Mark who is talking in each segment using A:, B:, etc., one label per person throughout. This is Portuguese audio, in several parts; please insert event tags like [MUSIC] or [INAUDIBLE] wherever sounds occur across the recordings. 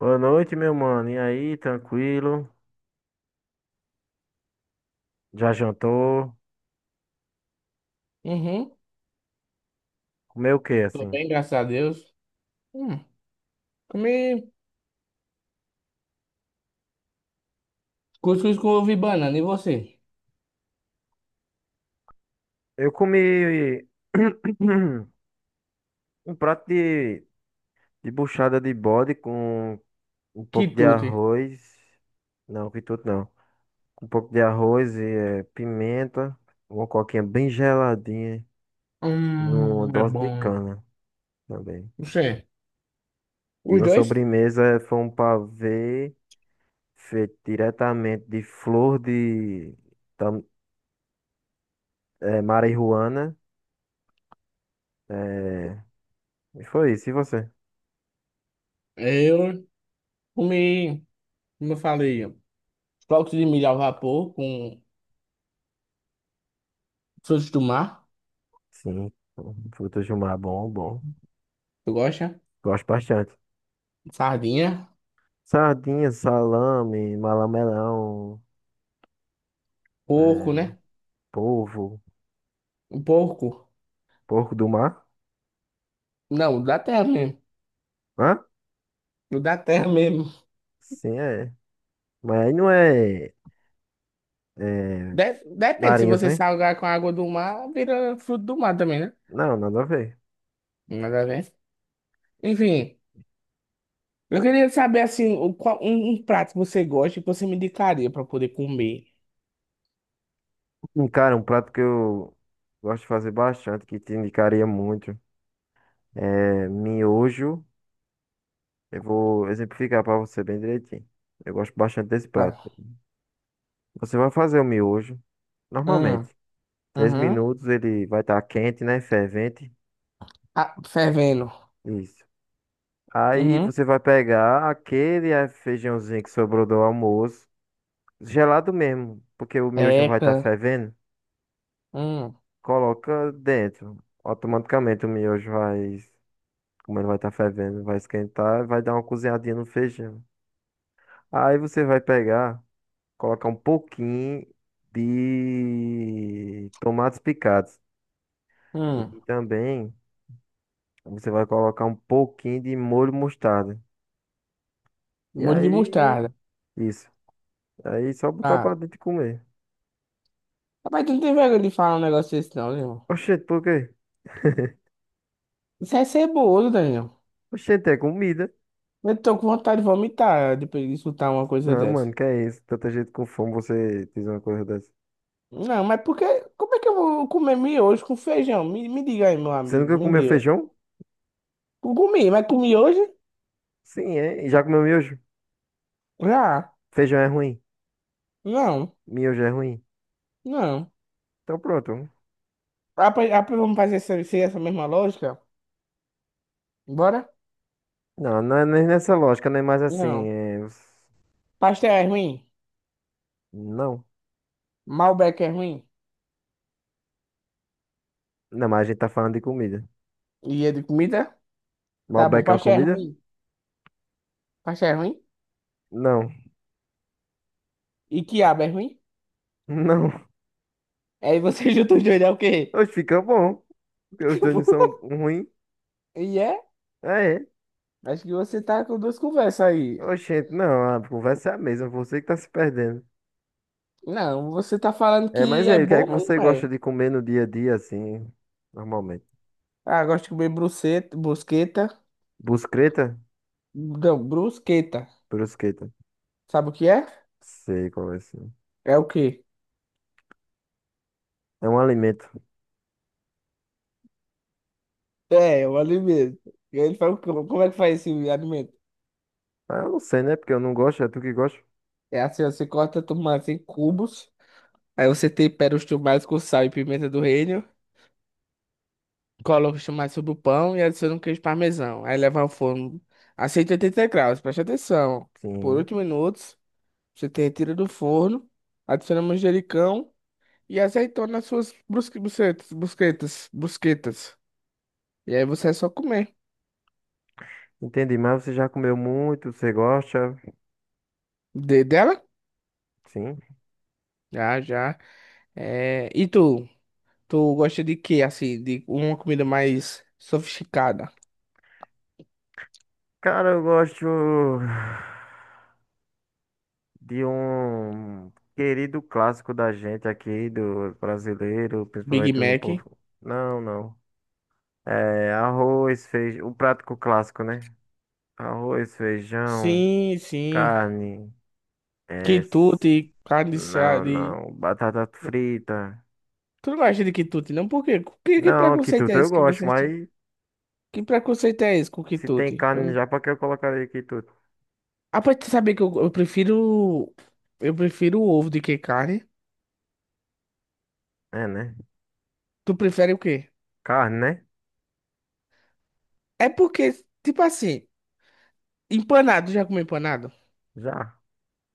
A: Boa noite, meu mano. E aí, tranquilo? Já jantou?
B: Uhum.
A: Comeu o quê,
B: Tô
A: assim?
B: bem, graças a Deus. Hum, Comi cuscuz com ovo e banana. E você?
A: Eu comi [CLEARS THROAT] um prato de buchada de bode com um pouco de
B: Quitute.
A: arroz. Não, que tudo não. Com um pouco de arroz e pimenta, uma coquinha bem geladinha e uma
B: É
A: dose de
B: bom.
A: cana também.
B: Você?
A: E
B: Os
A: uma
B: dois?
A: sobremesa foi um pavê feito diretamente de flor de tam, marihuana. eh, E foi isso, e você?
B: Eu comi, como eu falei, flocos de milho ao vapor com frutos do mar.
A: Sim, frutos do mar, bom, bom.
B: Tu gosta?
A: Gosto bastante.
B: Sardinha.
A: Sardinha, salame, malamelão,
B: Porco,
A: é,
B: né?
A: polvo,
B: Um porco.
A: porco do mar.
B: Não, da terra mesmo.
A: Hã?
B: O Da terra mesmo.
A: Sim, é. Mas aí não é
B: Depende, se
A: marinhos,
B: você
A: né?
B: salgar com a água do mar, vira fruto do mar também, né?
A: Não, nada a ver.
B: Nada a ver. Enfim. Eu queria saber, assim, um prato que você gosta e que você me indicaria pra poder comer.
A: Cara, um prato que eu gosto de fazer bastante, que te indicaria muito, é miojo. Eu vou exemplificar para você bem direitinho. Eu gosto bastante desse prato.
B: Tá.
A: Você vai fazer o miojo,
B: Hum,
A: normalmente. Três
B: uhum.
A: minutos ele vai estar quente, né? Fervente.
B: Ah, fervendo.
A: Isso. Aí
B: Uhum.
A: você vai pegar aquele feijãozinho que sobrou do almoço, gelado mesmo, porque o miojo vai estar
B: Eca,
A: fervendo.
B: hum,
A: Coloca dentro. Automaticamente o miojo vai, como ele vai estar fervendo, vai esquentar, e vai dar uma cozinhadinha no feijão. Aí você vai pegar, colocar um pouquinho de tomates picados e
B: hum.
A: também você vai colocar um pouquinho de molho mostarda. E
B: Molho de
A: aí,
B: mostarda.
A: isso. Aí só botar
B: Tá.
A: pra dentro e comer.
B: Rapaz, tu não tem vergonha de falar um negócio desse não, Leon.
A: Oxente, por quê?
B: Isso é ceboso, Daniel.
A: Oxente, é comida.
B: Eu tô com vontade de vomitar depois de escutar uma coisa
A: Não,
B: dessa.
A: mano, que é isso? Tanta gente com fome, você diz uma coisa dessa.
B: Não, mas porque... Como é que eu vou comer miojo com feijão? Me diga aí, meu
A: Você
B: amigo,
A: nunca
B: me
A: comeu
B: diga.
A: feijão?
B: Eu comi, mas comi hoje?
A: Sim, é. E já comeu miojo?
B: Já.
A: Feijão é ruim.
B: Não,
A: Miojo é ruim.
B: não.
A: Então pronto.
B: Ah, pois vamos fazer essa, seguir essa mesma lógica? Bora?
A: Não, não é nem nessa lógica, nem mais assim.
B: Não. Pastel é ruim?
A: Não.
B: Malbec é ruim?
A: Não, mas a gente tá falando de comida.
B: E é de comida? Tá bom,
A: Malbec é uma
B: pastel é
A: comida?
B: ruim. Pastel é ruim?
A: Não.
B: E quiabo é ruim?
A: [LAUGHS] Não.
B: Aí você [LAUGHS] junta os dois, é o quê?
A: Hoje fica bom. Porque os dois não são
B: [LAUGHS]
A: ruins.
B: E é?
A: É, é.
B: Acho que você tá com duas conversas aí.
A: Oxente, não, a conversa é a mesma, você que tá se perdendo.
B: Não, você tá falando
A: É, mas
B: que é
A: aí, o que é
B: bom,
A: que
B: mas
A: você
B: não
A: gosta
B: é.
A: de comer no dia a dia, assim, normalmente?
B: Ah, gosto de comer bruceta, brusqueta.
A: Brusqueta?
B: Não, brusqueta.
A: Brusqueta.
B: Sabe o que é?
A: Sei qual é esse.
B: É o quê?
A: É um alimento.
B: É, o alimento. E ele fala, como é que faz esse alimento?
A: Ah, eu não sei, né? Porque eu não gosto, é tu que gosta?
B: É assim, ó, você corta tomate em cubos, aí você tempera os tomates com sal e pimenta do reino, coloca os tomates sobre o pão e adiciona um queijo parmesão. Aí leva ao forno a 180 graus, preste atenção. Por
A: Sim.
B: 8 minutos, você te retira do forno, adiciona manjericão e azeitona nas suas bucetas, brusquetas, brusquetas. E aí você é só comer.
A: Entendi, mas você já comeu muito, você gosta?
B: De dela?
A: Sim.
B: Já, já. É. E tu? Tu gosta de quê, assim? De uma comida mais sofisticada?
A: Cara, eu gosto de um querido clássico da gente aqui, do brasileiro,
B: Big
A: principalmente no
B: Mac?
A: povo. Não, não. É, arroz, feijão, o prático clássico, né? Arroz, feijão,
B: Sim, sim.
A: carne, é, s-
B: Quitute, carne de seara,
A: não,
B: de...
A: não, batata frita.
B: Tu não gosta de quitute, não? Por quê? Que
A: Não,
B: preconceito
A: quituta
B: é
A: eu
B: esse que
A: gosto,
B: vocês têm?
A: mas
B: Que preconceito é esse com
A: se tem
B: quitute? Eu
A: carne
B: não-
A: já, pra que eu colocaria quituta?
B: Ah, pra tu saber que eu prefiro... Eu prefiro o ovo do que carne.
A: É, né?
B: Tu prefere o quê?
A: Carne, né?
B: É porque, tipo assim, empanado, já comeu empanado?
A: Já,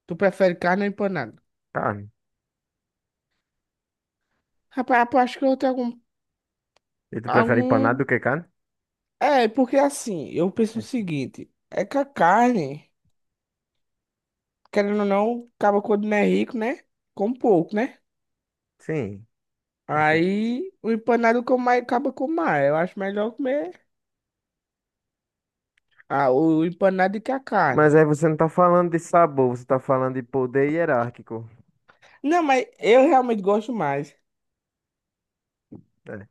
B: Tu prefere carne ou empanado?
A: carne.
B: Rapaz, eu acho que eu tenho algum...
A: E tu prefere empanado
B: algum...
A: do que carne?
B: É, porque assim, eu penso o
A: Oxente.
B: seguinte. É que a carne... Querendo ou não, acaba quando não é rico, né? Com pouco, né?
A: Sim. Assim.
B: Aí o empanado que eu mais acaba com mais. Eu acho melhor comer o empanado do que a
A: Mas
B: carne.
A: aí você não tá falando de sabor, você tá falando de poder hierárquico.
B: Não, mas eu realmente gosto mais.
A: É,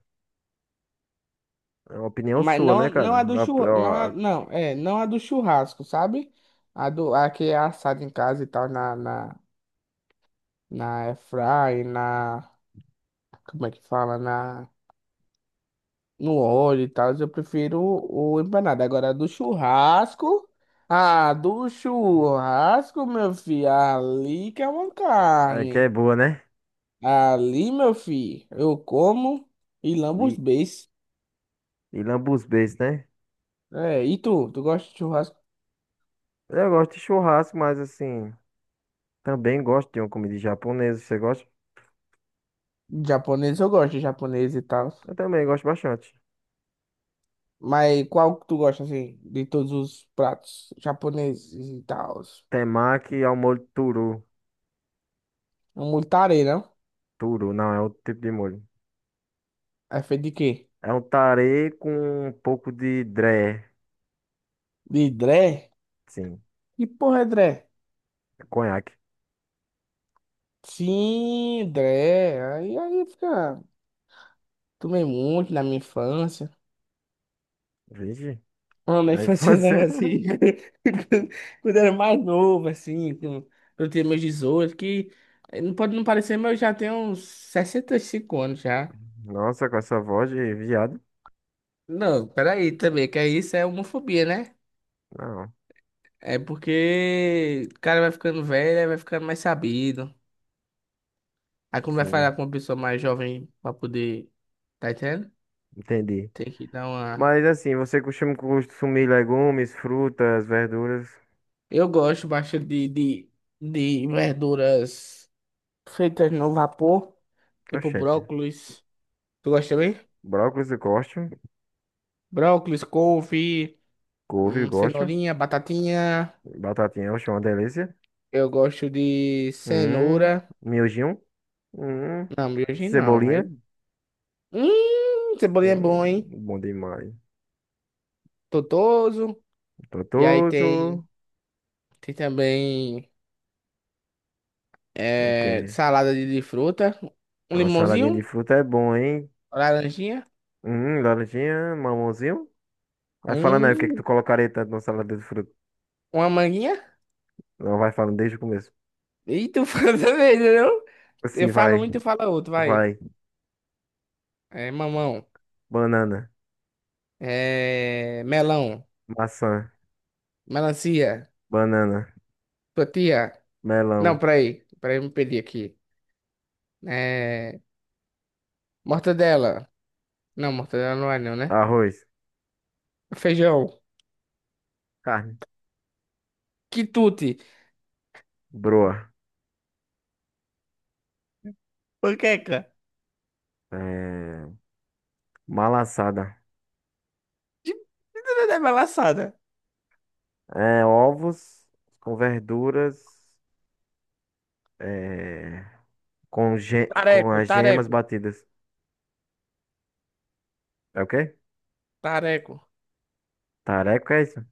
A: é uma opinião
B: Mas
A: sua,
B: não,
A: né,
B: não
A: cara?
B: a do churrasco. Não,
A: A-
B: não, é, não a do churrasco, sabe? A que é assada em casa e tal, na, na, na airfryer, na. Como é que fala? No óleo e tal, eu prefiro o empanado. Agora, do churrasco. Ah, do churrasco, meu filho. Ali que é uma
A: é que é
B: carne.
A: boa, né?
B: Ali, meu filho, eu como e lambo os beiços.
A: E lambuzbês, né?
B: É, e tu? Tu gosta de churrasco
A: Eu gosto de churrasco, mas assim, também gosto de uma comida japonesa. Você gosta?
B: japonês? Eu gosto de japonês e tal.
A: Eu também gosto bastante.
B: Mas qual que tu gosta, assim, de todos os pratos japoneses e tal?
A: Temaki ao molho turu.
B: Um multare, não?
A: Turu, não, é outro tipo de molho.
B: É feito de quê?
A: É um tare com um pouco de dré.
B: De dré?
A: Sim,
B: Que porra é dré?
A: conhaque.
B: Sim, Dré. Aí fica. Tomei muito na minha infância.
A: Vixe,
B: Não, na
A: aí
B: infância
A: você.
B: não, assim. [LAUGHS] Quando eu era mais novo, assim. Eu tinha meus 18, que não pode não parecer, mas eu já tenho uns 65 anos já.
A: [LAUGHS] Nossa, com essa voz de viado.
B: Não, peraí também, que aí isso é homofobia, né?
A: Não,
B: É porque o cara vai ficando velho, aí vai ficando mais sabido. Aí como vai
A: sim,
B: falar com uma pessoa mais jovem pra poder. Tá entendendo?
A: entendi.
B: Tem que dar uma.
A: Mas assim, você costuma consumir legumes, frutas, verduras?
B: Eu gosto bastante de verduras feitas no vapor, tipo
A: Oxente.
B: brócolis. Tu gosta também?
A: Brócolis eu gosto.
B: Brócolis, couve,
A: Couve eu gosto.
B: cenourinha, batatinha.
A: Batatinha, oxe, uma delícia.
B: Eu gosto de
A: Hum,
B: cenoura.
A: miojinho. Hum,
B: Não, miojo não. Aí...
A: cebolinha.
B: Cebolinha é bom, hein?
A: Hum, bom demais.
B: Totoso. E aí tem,
A: Gostoso.
B: tem também
A: Ok.
B: salada de fruta. Um
A: Uma saladinha de
B: limãozinho,
A: fruta é bom, hein?
B: laranjinha.
A: Laranjinha, mamãozinho. Vai falando aí o que é que tu
B: Hum,
A: colocaria tanto na salada de fruta.
B: uma manguinha.
A: Não, vai falando desde o começo.
B: E tu [LAUGHS] fala também, entendeu? Eu
A: Assim,
B: falo um
A: vai,
B: e tu fala outro, vai.
A: vai.
B: É mamão.
A: Banana,
B: É melão.
A: maçã,
B: Melancia.
A: banana,
B: Tortilha. Não,
A: melão,
B: peraí. Peraí, me perdi aqui. É mortadela. Não, mortadela não é não, né?
A: arroz,
B: Feijão.
A: carne,
B: Quitute.
A: broa,
B: Panqueca.
A: é, malassada.
B: De... É balaçada.
A: É, ovos com verduras, é, com
B: Tareco,
A: as gemas
B: tareco.
A: batidas. É o quê?
B: Tareco.
A: Tareco é isso?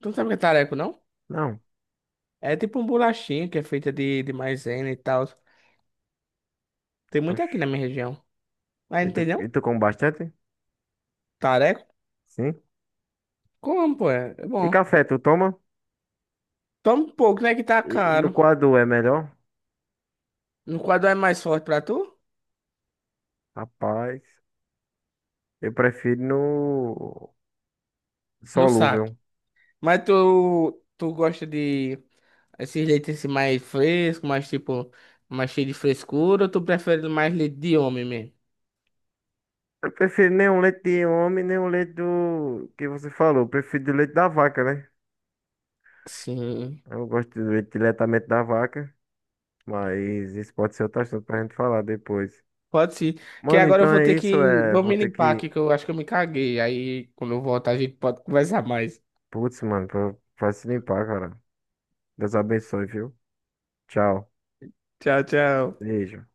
B: Tu não sabe o que é tareco, não?
A: Não.
B: É tipo um bolachinho que é feita de maisena e tal. Tem muito aqui
A: Oxe.
B: na minha região. Mas não tem não?
A: E tu come bastante?
B: Tareco?
A: Sim.
B: Como, pô? É
A: E
B: bom.
A: café, tu toma?
B: Toma um pouco, né? Que tá
A: E no
B: caro.
A: coador é melhor?
B: No quadro é mais forte pra tu?
A: Rapaz, eu prefiro no
B: No saco.
A: solúvel.
B: Mas tu gosta de esses leites assim mais frescos, mais tipo, mais cheio de frescura, ou tu prefere mais leite de homem mesmo?
A: Eu prefiro nem o leite de homem, nem o leite do que você falou. Eu prefiro do leite da vaca, né?
B: Sim.
A: Eu gosto do leite diretamente da vaca, mas isso pode ser outro assunto pra gente falar depois.
B: Pode ser. Que
A: Mano,
B: agora eu
A: então
B: vou
A: é
B: ter
A: isso,
B: que.
A: é.
B: Vou
A: Vou
B: me
A: ter
B: limpar
A: que.
B: aqui, que eu acho que eu me caguei. Aí quando eu voltar a gente pode conversar mais.
A: Putz, mano, vai se limpar, cara. Deus abençoe, viu? Tchau.
B: Tchau, tchau.
A: Beijo.